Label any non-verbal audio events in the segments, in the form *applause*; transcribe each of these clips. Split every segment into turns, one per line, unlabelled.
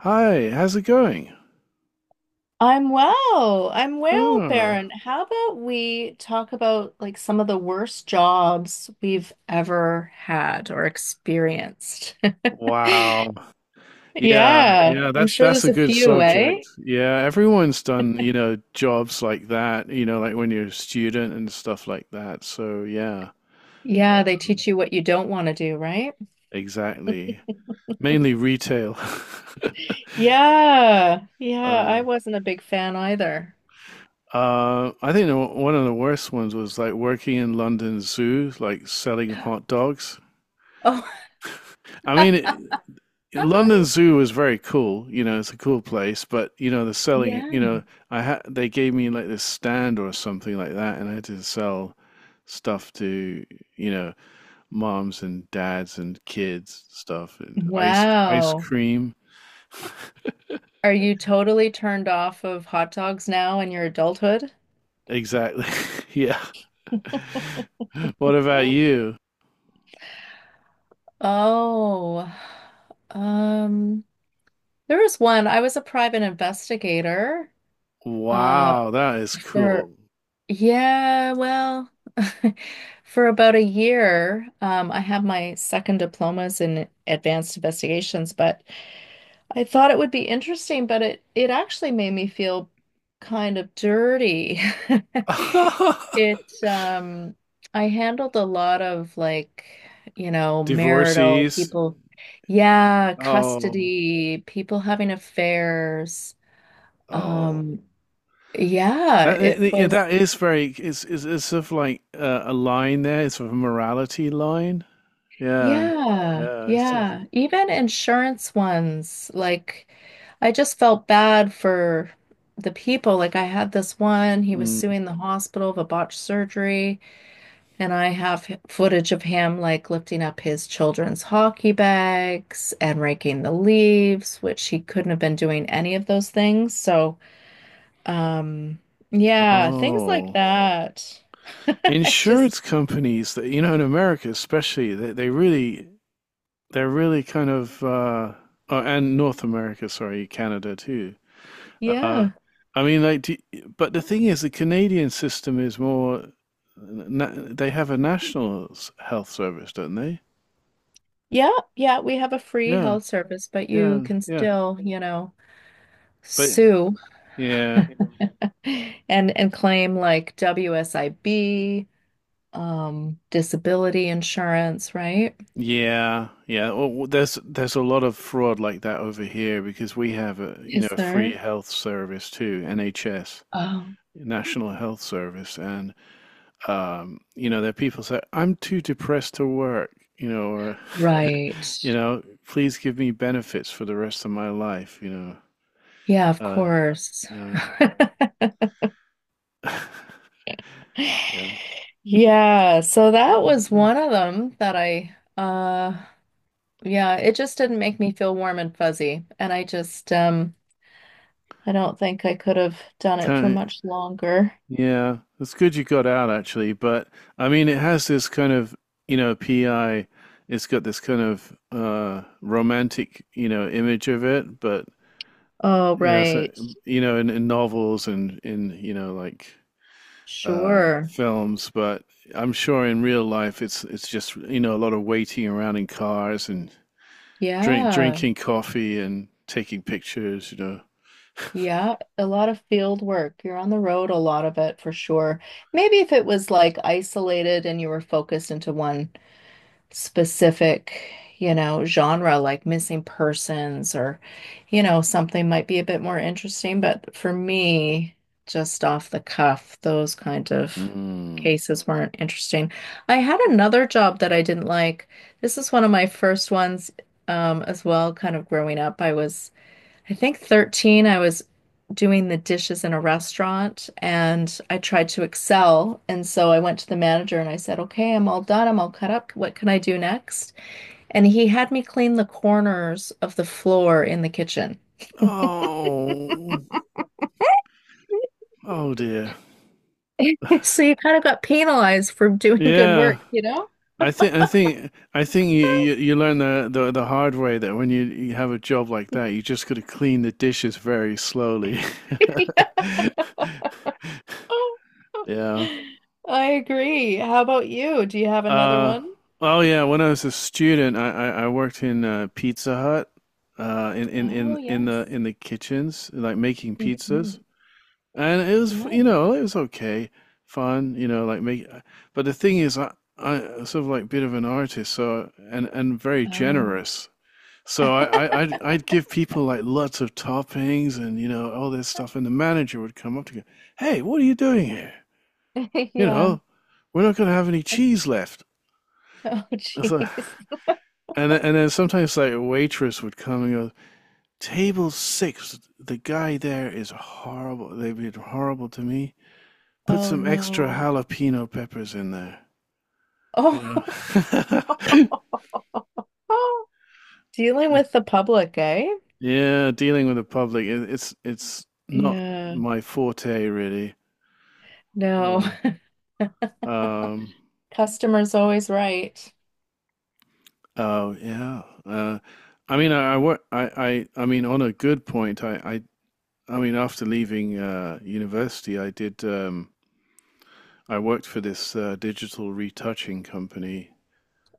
Hi, how's it going?
I'm well. I'm well,
Oh,
Baron. How about we talk about, like, some of the worst jobs we've ever had or experienced? *laughs*
wow. Yeah,
Yeah,
yeah,
I'm
that's
sure
that's
there's
a
a
good
few, eh?
subject. Yeah, everyone's done, you know, jobs like that, you know, like when you're a student and stuff like that. So, yeah,
Yeah, they
um,
teach you what you don't want to do, right?
exactly. Mainly retail. *laughs*
*laughs* Yeah, yeah, I
Um,
wasn't a big fan either.
I think one of the worst ones was like working in London Zoo, like selling hot dogs.
Oh,
I mean,
*laughs*
London
uh,
Zoo is very cool, you know, it's a cool place, but you know, the selling, you
yeah.
know, I had they gave me like this stand or something like that, and I had to sell stuff to, you know, moms and dads and kids stuff and ice
Wow.
cream. *laughs*
Are you totally turned off of hot dogs now in your adulthood?
Exactly. *laughs* Yeah. What about you?
Oh, um, there was one. I was a private investigator, uh,
Wow, that is
for,
cool.
yeah, well, *laughs* for about a year. I have my second diplomas in advanced investigations, but I thought it would be interesting, but it actually made me feel kind of dirty. *laughs*
*laughs*
It I handled a lot of, like, marital
Divorcees.
people, yeah,
Oh,
custody, people having affairs. Um
oh.
yeah,
That
it
yeah,
was
that is very it's sort of like a line there. It's sort of a morality line. Yeah,
Yeah,
yeah. It's just
yeah. Even insurance ones, like I just felt bad for the people. Like I had this one, he was
mm.
suing the hospital of a botched surgery, and I have footage of him like lifting up his children's hockey bags and raking the leaves, which he couldn't have been doing any of those things. So, um, yeah, things like
Oh,
that. *laughs* I just,
insurance companies that you know in America especially they really they're really kind of oh, and North America, sorry, Canada too. Uh,
yeah.
I mean like do, but the thing is the Canadian system is more na they have a health service, don't they?
Yeah, yeah, we have a free
Yeah,
health service, but you
yeah,
can
yeah.
still,
But
sue
yeah,
*laughs* and claim like WSIB, disability insurance, right?
yeah, yeah. Well, there's a lot of fraud like that over here because we have a, you know,
Is
a free
there?
health service too, NHS,
Oh,
National Health Service, and you know there are people say I'm too depressed to work, you know, or, *laughs* you
right.
know, please give me benefits for the rest of my life, you know.
Yeah, of
Uh,
course.
uh,
*laughs*
*laughs* yeah,
Yeah, so that was one of them that I yeah, it just didn't make me feel warm and fuzzy. And I don't think I could have done it for
kind
much longer.
yeah, it's good you got out actually, but I mean, it has this kind of, you know, PI, it's got this kind of romantic, you know, image of it, but
Oh,
you know, so
right.
you know, in novels and in, you know, like
Sure.
films, but I'm sure in real life it's just, you know, a lot of waiting around in cars and
Yeah.
drinking coffee and taking pictures, you know.
Yeah, a lot of field work. You're on the road a lot of it for sure. Maybe if it was like isolated and you were focused into one specific, genre, like missing persons or, something might be a bit more interesting. But for me, just off the cuff, those kind of
Mm.
cases weren't interesting. I had another job that I didn't like. This is one of my first ones, as well, kind of growing up. I think 13, I was doing the dishes in a restaurant and I tried to excel. And so I went to the manager and I said, "Okay, I'm all done. I'm all cut up. What can I do next?" And he had me clean the corners of the floor in the kitchen.
Oh, oh dear.
*laughs* So you kind of got penalized for doing good
Yeah.
work, you know?
I think you, you learn the hard way that when you have a job like that,
*laughs*
you just got to clean the dishes very slowly. *laughs*
Yeah.
Yeah.
I agree. How about you? Do you have another
Uh,
one?
oh yeah. When I was a student, I worked in Pizza Hut,
Oh, yes.
in the kitchens, like making pizzas,
Mhm.
and it was
Yeah.
you know it was okay, fun, you know like make. But the thing is, I sort of like bit of an artist, so and very
Oh.
generous, so,
*laughs*
I'd give people like lots of toppings and you know all this stuff, and the manager would come up to go, "Hey, what are you doing here? You
Yeah.
know, we're not going to have any cheese left."
*laughs* Oh,
So,
jeez.
and then sometimes like a waitress would come and go, "Table six, the guy there is horrible. They've been horrible to me. Put
Oh,
some extra
no.
jalapeno peppers in there." You know.
Oh, *laughs* dealing with the
*laughs*
public, eh?
Yeah, dealing with the public, it's not
Yeah.
my forte really.
No,
Mm. Um,
*laughs* customer's always right.
oh yeah. I mean, I, wa- I mean, on a good point, I mean, after leaving university, I did. I worked for this digital retouching company.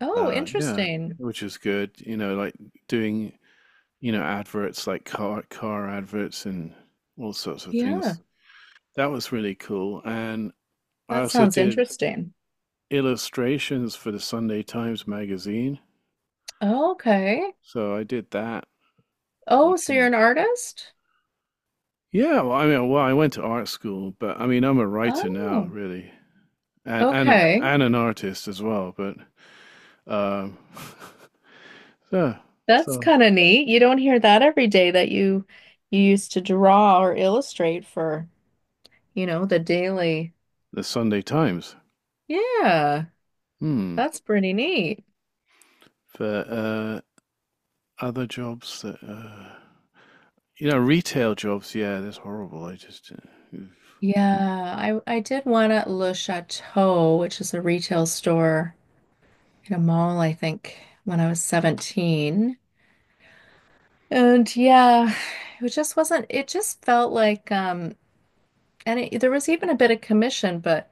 Oh,
Yeah,
interesting.
which is good. You know, like doing, you know, adverts like car adverts and all sorts of
Yeah,
things. That was really cool. And I
that
also
sounds
did
interesting.
illustrations for the Sunday Times magazine.
Okay.
So I did that a
Oh, so you're
few.
an artist?
Yeah, well, I mean, well, I went to art school, but I mean, I'm a writer now,
Oh,
really, and
okay.
and an artist as well. But um, *laughs* yeah,
That's
so
kind of neat. You don't hear that every day, that you used to draw or illustrate for, you know, the daily.
the Sunday Times.
Yeah,
Hmm.
that's pretty neat.
For other jobs that you know, retail jobs. Yeah, that's horrible. I just. Oof.
Yeah, I did one at Le Chateau, which is a retail store in a mall, I think, when I was 17. And yeah, it just wasn't, it just felt like there was even a bit of commission, but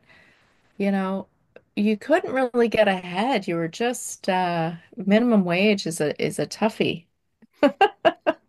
you know, you couldn't really get ahead. You were just minimum wage is a toughie.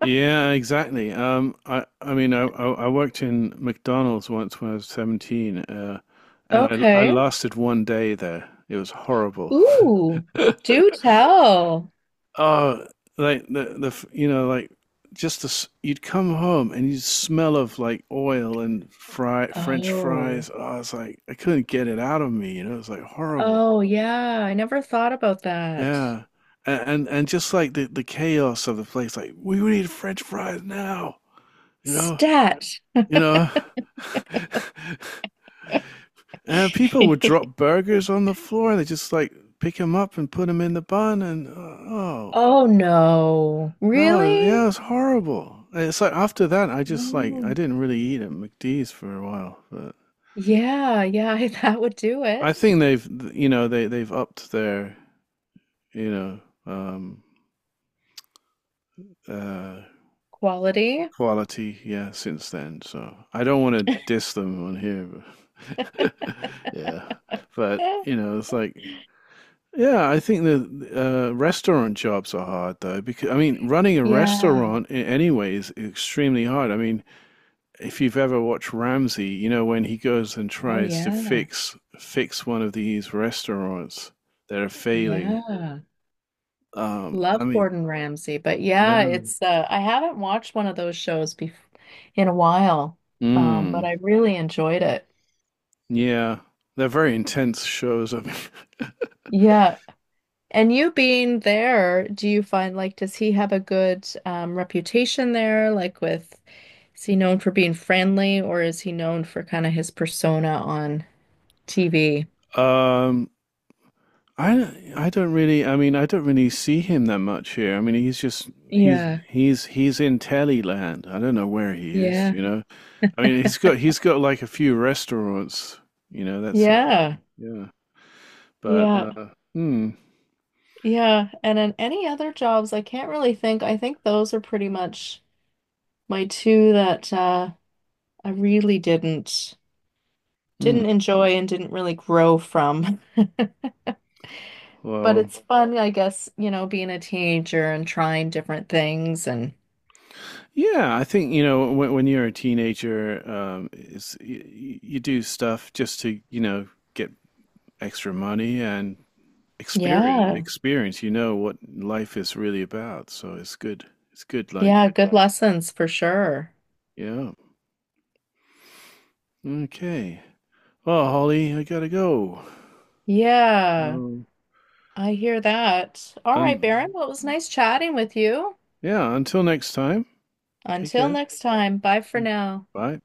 Yeah, exactly. I mean, I worked in McDonald's once when I was 17, and I
Okay.
lasted one day there. It was horrible.
Ooh,
*laughs*
do *laughs* tell.
Oh, like you know like just you'd come home and you'd smell of like oil and fry French
Oh.
fries. Oh, it's like I couldn't get it out of me. You know, it's like horrible.
Oh yeah, I never thought about that.
Yeah, and and just like the chaos of the place. Like we need French fries now. You know,
Stat.
you know. *laughs* And people would drop
*laughs*
burgers on the floor they just like pick them up and put them in the bun and oh.
Oh no.
No,
Really?
yeah, it was horrible. It's like after that, I just like I
Oh,
didn't really eat at McD's for a while, but
yeah, yeah, *laughs* that would do
I
it.
think they've you know they've upped their you know um uh
Quality.
quality yeah since then. So I don't want to
*laughs*
diss them on here, but *laughs* yeah, but you know it's like yeah, I think the restaurant jobs are hard though because I mean running a
Yeah.
restaurant in any way is extremely hard. I mean if you've ever watched Ramsay, you know when he goes and
Oh
tries to
yeah.
fix one of these restaurants that are failing.
Yeah. Love
I mean,
Gordon Ramsay, but yeah,
yeah,
it's I haven't watched one of those shows bef in a while. But
mm,
I really enjoyed it.
yeah, they're very intense shows. *laughs* I mean,
Yeah. And you being there, do you find, like, does he have a good reputation there? Like, with, is he known for being friendly, or is he known for kind of his persona on TV?
um, I don't really, I mean, I don't really see him that much here. I mean, he's just
Yeah,
he's in telly land. I don't know where he is.
yeah.
You know, I mean, he's got like a few restaurants. You know, that's it.
Yeah,
Yeah, but
yeah,
mm,
yeah. And in any other jobs, I can't really think. I think those are pretty much my two that I really didn't
mm.
enjoy and didn't really grow from. *laughs* But
Well,
it's fun, I guess, you know, being a teenager and trying different things, and
yeah, I think, you know, when you're a teenager, it's, you do stuff just to, you know, get extra money and
yeah,
experience, you know, what life is really about. So it's good. It's good. Like,
yeah, good lessons for sure.
yeah. Okay. Well, Holly, I gotta go.
Yeah,
So,
I hear that. All right, Baron,
un
well, it was nice chatting with you.
yeah, until next time, take
Until
care.
next time, bye for now.
Bye.